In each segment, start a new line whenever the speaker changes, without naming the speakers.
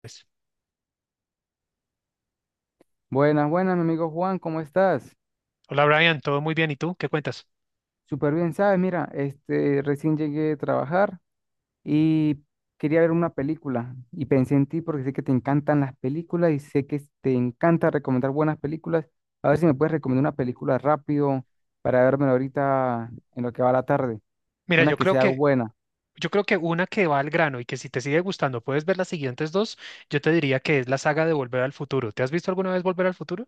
Pues.
Buenas, buenas, mi amigo Juan, ¿cómo estás?
Hola, Brian, todo muy bien. ¿Y tú? ¿Qué cuentas?
Súper bien, ¿sabes? Mira, este, recién llegué de trabajar y quería ver una película y pensé en ti porque sé que te encantan las películas y sé que te encanta recomendar buenas películas. A ver si me puedes recomendar una película rápido para vérmela ahorita en lo que va la tarde.
Mira,
Una
yo
que
creo
sea
que,
buena.
yo creo que una que va al grano y que si te sigue gustando puedes ver las siguientes dos, yo te diría que es la saga de Volver al Futuro. ¿Te has visto alguna vez Volver al Futuro?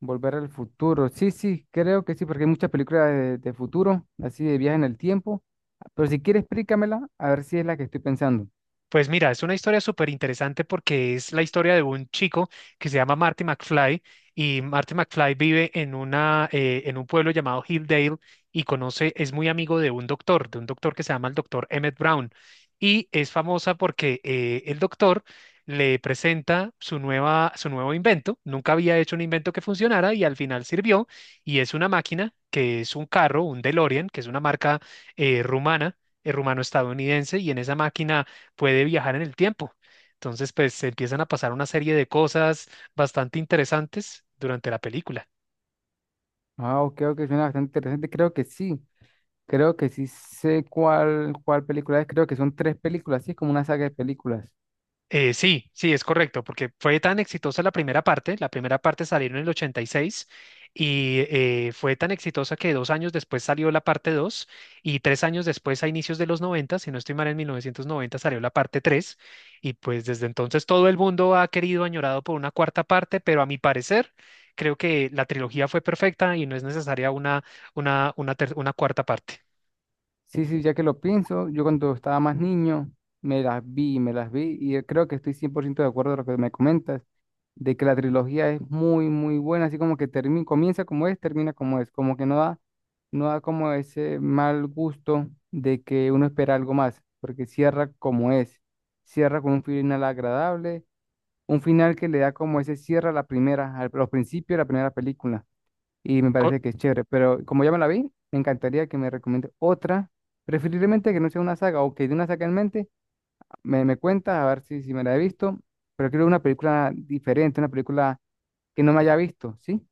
Volver al futuro. Sí, sí, creo que sí, porque hay muchas películas de futuro, así de viaje en el tiempo. Pero si quieres, explícamela, a ver si es la que estoy pensando.
Pues mira, es una historia súper interesante porque es la historia de un chico que se llama Marty McFly y Marty McFly vive en un pueblo llamado Hilldale y es muy amigo de un doctor que se llama el doctor Emmett Brown y es famosa porque el doctor le presenta su nuevo invento, nunca había hecho un invento que funcionara y al final sirvió, y es una máquina que es un carro, un DeLorean, que es una marca eh, rumana, rumano-estadounidense, y en esa máquina puede viajar en el tiempo. Entonces, pues empiezan a pasar una serie de cosas bastante interesantes durante la película.
Ah, ok, ok, suena bastante interesante. Creo que sí. Creo que sí sé cuál película es. Creo que son tres películas, sí, es como una saga de películas.
Sí, sí, es correcto, porque fue tan exitosa la primera parte salieron en el 86 y fue tan exitosa que 2 años después salió la parte dos, y 3 años después, a inicios de los 90, si no estoy mal, en 1990 salió la parte tres. Y pues desde entonces todo el mundo ha querido, añorado por una cuarta parte, pero a mi parecer creo que la trilogía fue perfecta y no es necesaria una cuarta parte.
Sí, sí, ya que lo pienso, yo cuando estaba más niño me las vi y creo que estoy 100% de acuerdo de lo que me comentas, de que la trilogía es muy, muy buena, así como que termina, comienza como es, termina como es, como que no da como ese mal gusto de que uno espera algo más, porque cierra como es, cierra con un final agradable, un final que le da como ese cierre a la primera, al, los principios de la primera película. Y me
Co-
parece que es chévere. Pero como ya me la vi, me encantaría que me recomiende otra, preferiblemente que no sea una saga o que de una saga en mente, me cuenta a ver si me la he visto. Pero quiero una película diferente, una película que no me haya visto, ¿sí?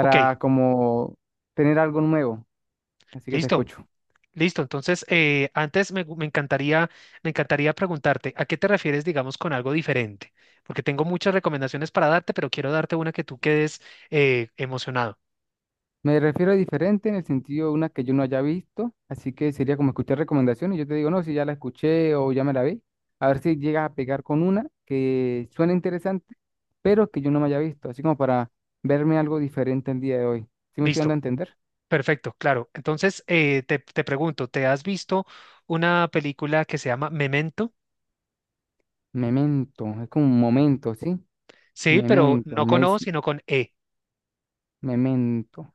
ok,
como tener algo nuevo. Así que te
listo.
escucho.
Listo, entonces antes me, gu- me encantaría preguntarte, ¿a qué te refieres, digamos, con algo diferente? Porque tengo muchas recomendaciones para darte, pero quiero darte una que tú quedes emocionado.
Me refiero a diferente en el sentido de una que yo no haya visto, así que sería como escuchar recomendaciones. Yo te digo, no, si ya la escuché o ya me la vi, a ver si llegas a pegar con una que suena interesante, pero que yo no me haya visto, así como para verme algo diferente el día de hoy. ¿Sí me estoy dando
Listo,
a entender?
perfecto, claro. Entonces te pregunto, ¿te has visto una película que se llama Memento?
Memento, es como un momento, ¿sí?
Sí, pero
Memento,
no con
mes,
O, sino con E.
memento.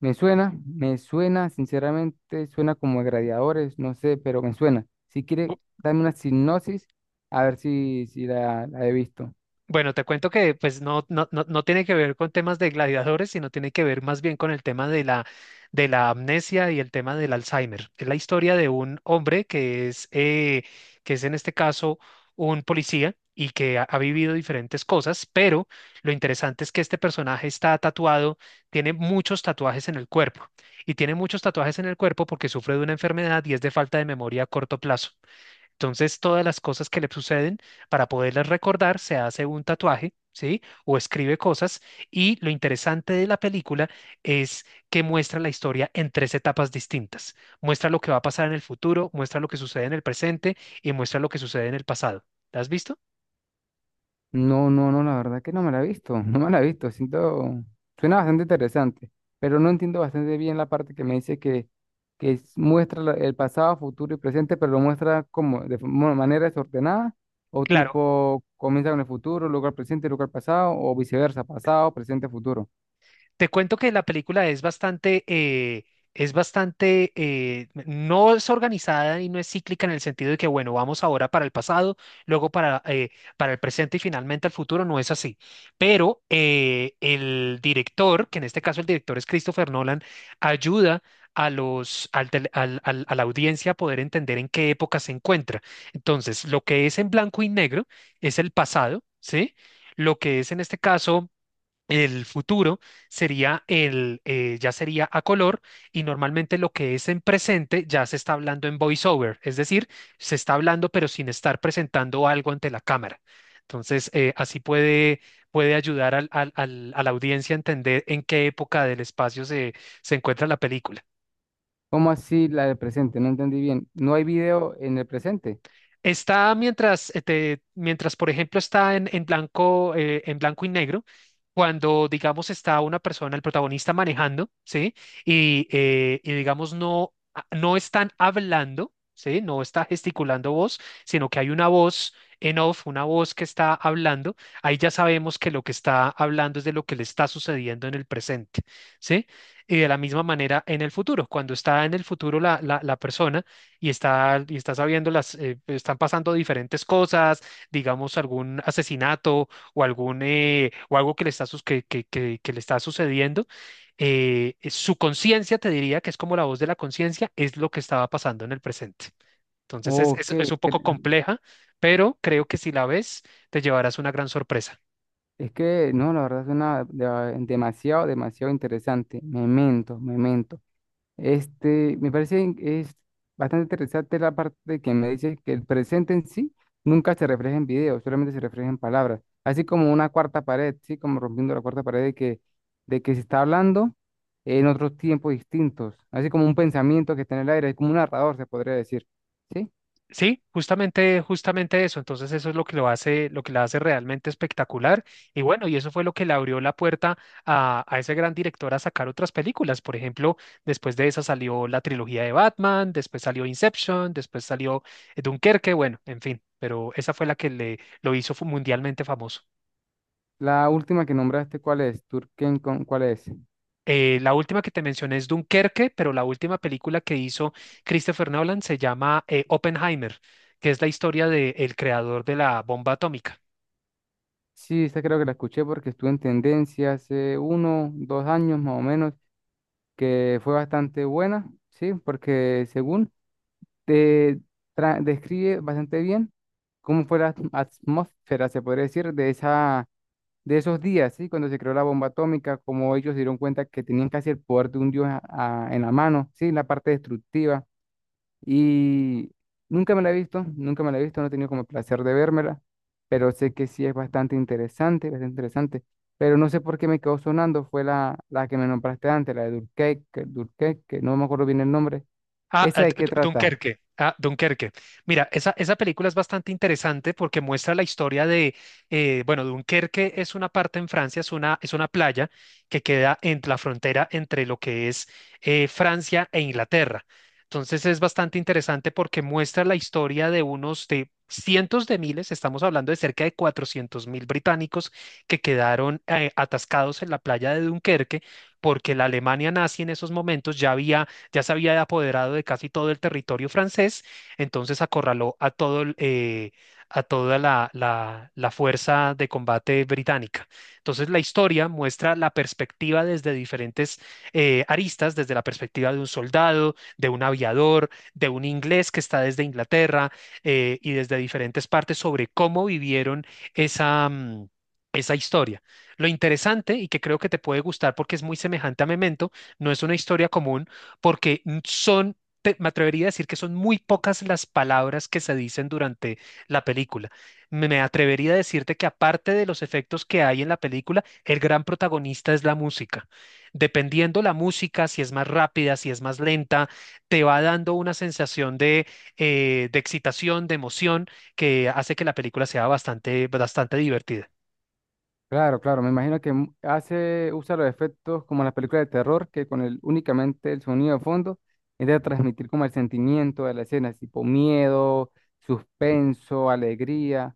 Me suena, sinceramente, suena como a gladiadores, no sé, pero me suena. Si quiere, dame una sinopsis, a ver si, si la he visto.
Bueno, te cuento que pues no, no, no, no tiene que ver con temas de gladiadores, sino tiene que ver más bien con el tema de la amnesia y el tema del Alzheimer. Es la historia de un hombre que que es en este caso un policía y que ha vivido diferentes cosas, pero lo interesante es que este personaje está tatuado, tiene muchos tatuajes en el cuerpo, y tiene muchos tatuajes en el cuerpo porque sufre de una enfermedad y es de falta de memoria a corto plazo. Entonces, todas las cosas que le suceden, para poderlas recordar, se hace un tatuaje, ¿sí? O escribe cosas. Y lo interesante de la película es que muestra la historia en tres etapas distintas. Muestra lo que va a pasar en el futuro, muestra lo que sucede en el presente y muestra lo que sucede en el pasado. ¿La has visto?
No, no, no, la verdad que no me la he visto, no me la he visto, siento, suena bastante interesante, pero no entiendo bastante bien la parte que me dice que muestra el pasado, futuro y presente, pero lo muestra como de manera desordenada, o
Claro.
tipo comienza con el futuro, luego el presente, luego el pasado, o viceversa, pasado, presente, futuro.
Te cuento que la película no es organizada y no es cíclica en el sentido de que, bueno, vamos ahora para el pasado, luego para el presente y finalmente al futuro, no es así. Pero el director, que en este caso el director es Christopher Nolan, ayuda a los, al tele- al- al- a la audiencia a poder entender en qué época se encuentra. Entonces, lo que es en blanco y negro es el pasado, ¿sí? Lo que es en este caso el futuro sería ya sería a color, y normalmente lo que es en presente ya se está hablando en voiceover, es decir, se está hablando pero sin estar presentando algo ante la cámara. Entonces, así puede ayudar a la audiencia a entender en qué época del espacio se encuentra la película.
¿Cómo así la del presente? No entendí bien. ¿No hay video en el presente?
Mientras, por ejemplo, está en blanco y negro, cuando, digamos, está una persona, el protagonista manejando, ¿sí? Y digamos, no están hablando, ¿sí? No está gesticulando voz, sino que hay una voz en off, una voz que está hablando. Ahí ya sabemos que lo que está hablando es de lo que le está sucediendo en el presente, ¿sí? Y de la misma manera en el futuro, cuando está en el futuro la persona y está sabiendo están pasando diferentes cosas, digamos algún asesinato o o algo que le está, que le está sucediendo, su conciencia te diría que es como la voz de la conciencia, es lo que estaba pasando en el presente. Entonces es,
Ok,
es, es un poco
cre-
compleja, pero creo que si la ves, te llevarás una gran sorpresa.
es que no, la verdad suena demasiado, demasiado interesante. Memento, memento. Este, me parece es bastante interesante la parte de que me dice que el presente en sí nunca se refleja en video, solamente se refleja en palabras. Así como una cuarta pared, sí, como rompiendo la cuarta pared de que se está hablando en otros tiempos distintos. Así como un pensamiento que está en el aire, es como un narrador, se podría decir. ¿Sí?
Sí, justamente, justamente eso. Entonces eso es lo que lo hace, lo que la hace realmente espectacular. Y bueno, y eso fue lo que le abrió la puerta a ese gran director a sacar otras películas. Por ejemplo, después de esa salió la trilogía de Batman, después salió Inception, después salió Dunkerque, bueno, en fin. Pero esa fue la que le lo hizo mundialmente famoso.
La última que nombraste, ¿cuál es? Turken, ¿cuál es?
La última que te mencioné es Dunkerque, pero la última película que hizo Christopher Nolan se llama Oppenheimer, que es la historia del creador de la bomba atómica.
Sí, esta creo que la escuché porque estuvo en tendencia hace uno, dos años más o menos, que fue bastante buena, ¿sí? Porque según te describe bastante bien cómo fue la atmósfera, se podría decir, de esa, de esos días, ¿sí? Cuando se creó la bomba atómica, como ellos se dieron cuenta que tenían casi el poder de un dios en la mano, ¿sí? La parte destructiva. Y nunca me la he visto, nunca me la he visto, no he tenido como el placer de vérmela, pero sé que sí es bastante interesante, bastante interesante. Pero no sé por qué me quedó sonando, fue la que me nombraste antes, la de Durkheim, que no me acuerdo bien el nombre.
Ah,
¿Esa
ah,
de qué trata?
Dunkerque. Ah, Dunkerque. Mira, esa película es bastante interesante porque muestra la historia bueno, Dunkerque es una parte en Francia, es una playa que queda en la frontera entre lo que es Francia e Inglaterra. Entonces es bastante interesante porque muestra la historia de unos de cientos de miles, estamos hablando de cerca de 400.000 británicos que quedaron atascados en la playa de Dunkerque, porque la Alemania nazi en esos momentos ya se había apoderado de casi todo el territorio francés, entonces acorraló a toda la fuerza de combate británica. Entonces la historia muestra la perspectiva desde diferentes aristas, desde la perspectiva de un soldado, de un aviador, de un inglés que está desde Inglaterra, y desde diferentes partes sobre cómo vivieron esa... mm, esa historia. Lo interesante, y que creo que te puede gustar porque es muy semejante a Memento, no es una historia común, porque me atrevería a decir que son muy pocas las palabras que se dicen durante la película. Me atrevería a decirte que aparte de los efectos que hay en la película, el gran protagonista es la música. Dependiendo la música, si es más rápida, si es más lenta, te va dando una sensación de excitación, de emoción, que hace que la película sea bastante, bastante divertida.
Claro, claro, me imagino que hace, usa los efectos como en las películas de terror, que con el, únicamente el sonido de fondo intenta transmitir como el sentimiento de la escena, tipo miedo, suspenso, alegría,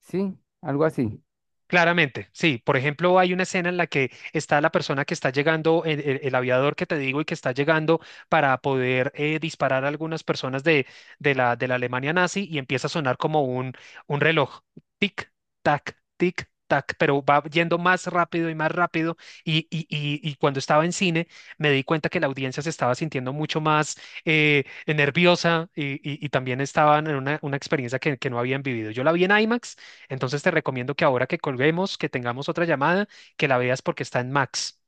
¿sí? Algo así.
Claramente, sí. Por ejemplo, hay una escena en la que está la persona que está llegando, el aviador que te digo, y que está llegando para poder disparar a algunas personas de la Alemania nazi, y empieza a sonar como un reloj. Tic, tic, tac, pero va yendo más rápido y más rápido. Y cuando estaba en cine, me di cuenta que la audiencia se estaba sintiendo mucho más nerviosa, y también estaban en una experiencia que no habían vivido. Yo la vi en IMAX, entonces te recomiendo que ahora que colguemos, que tengamos otra llamada, que la veas porque está en Max.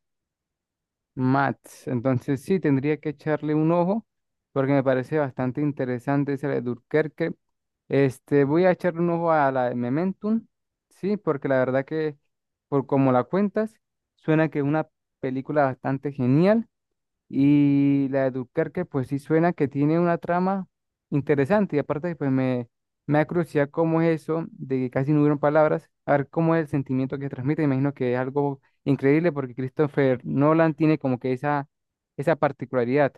Mats. Entonces sí, tendría que echarle un ojo porque me parece bastante interesante esa de Dunkerque. Este, voy a echarle un ojo a la de Momentum, sí, porque la verdad que por como la cuentas, suena que es una película bastante genial. Y la de Dunkerque, pues sí suena que tiene una trama interesante. Y aparte, me da curiosidad cómo es eso de que casi no hubieron palabras. A ver cómo es el sentimiento que transmite. Imagino que es algo increíble porque Christopher Nolan tiene como que esa particularidad,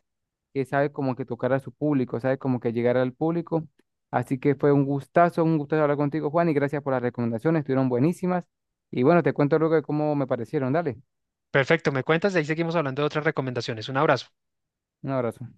que sabe como que tocar a su público, sabe como que llegar al público. Así que fue un gustazo hablar contigo, Juan, y gracias por las recomendaciones, estuvieron buenísimas. Y bueno, te cuento luego de cómo me parecieron. Dale,
Perfecto, me cuentas y ahí seguimos hablando de otras recomendaciones. Un abrazo.
un abrazo.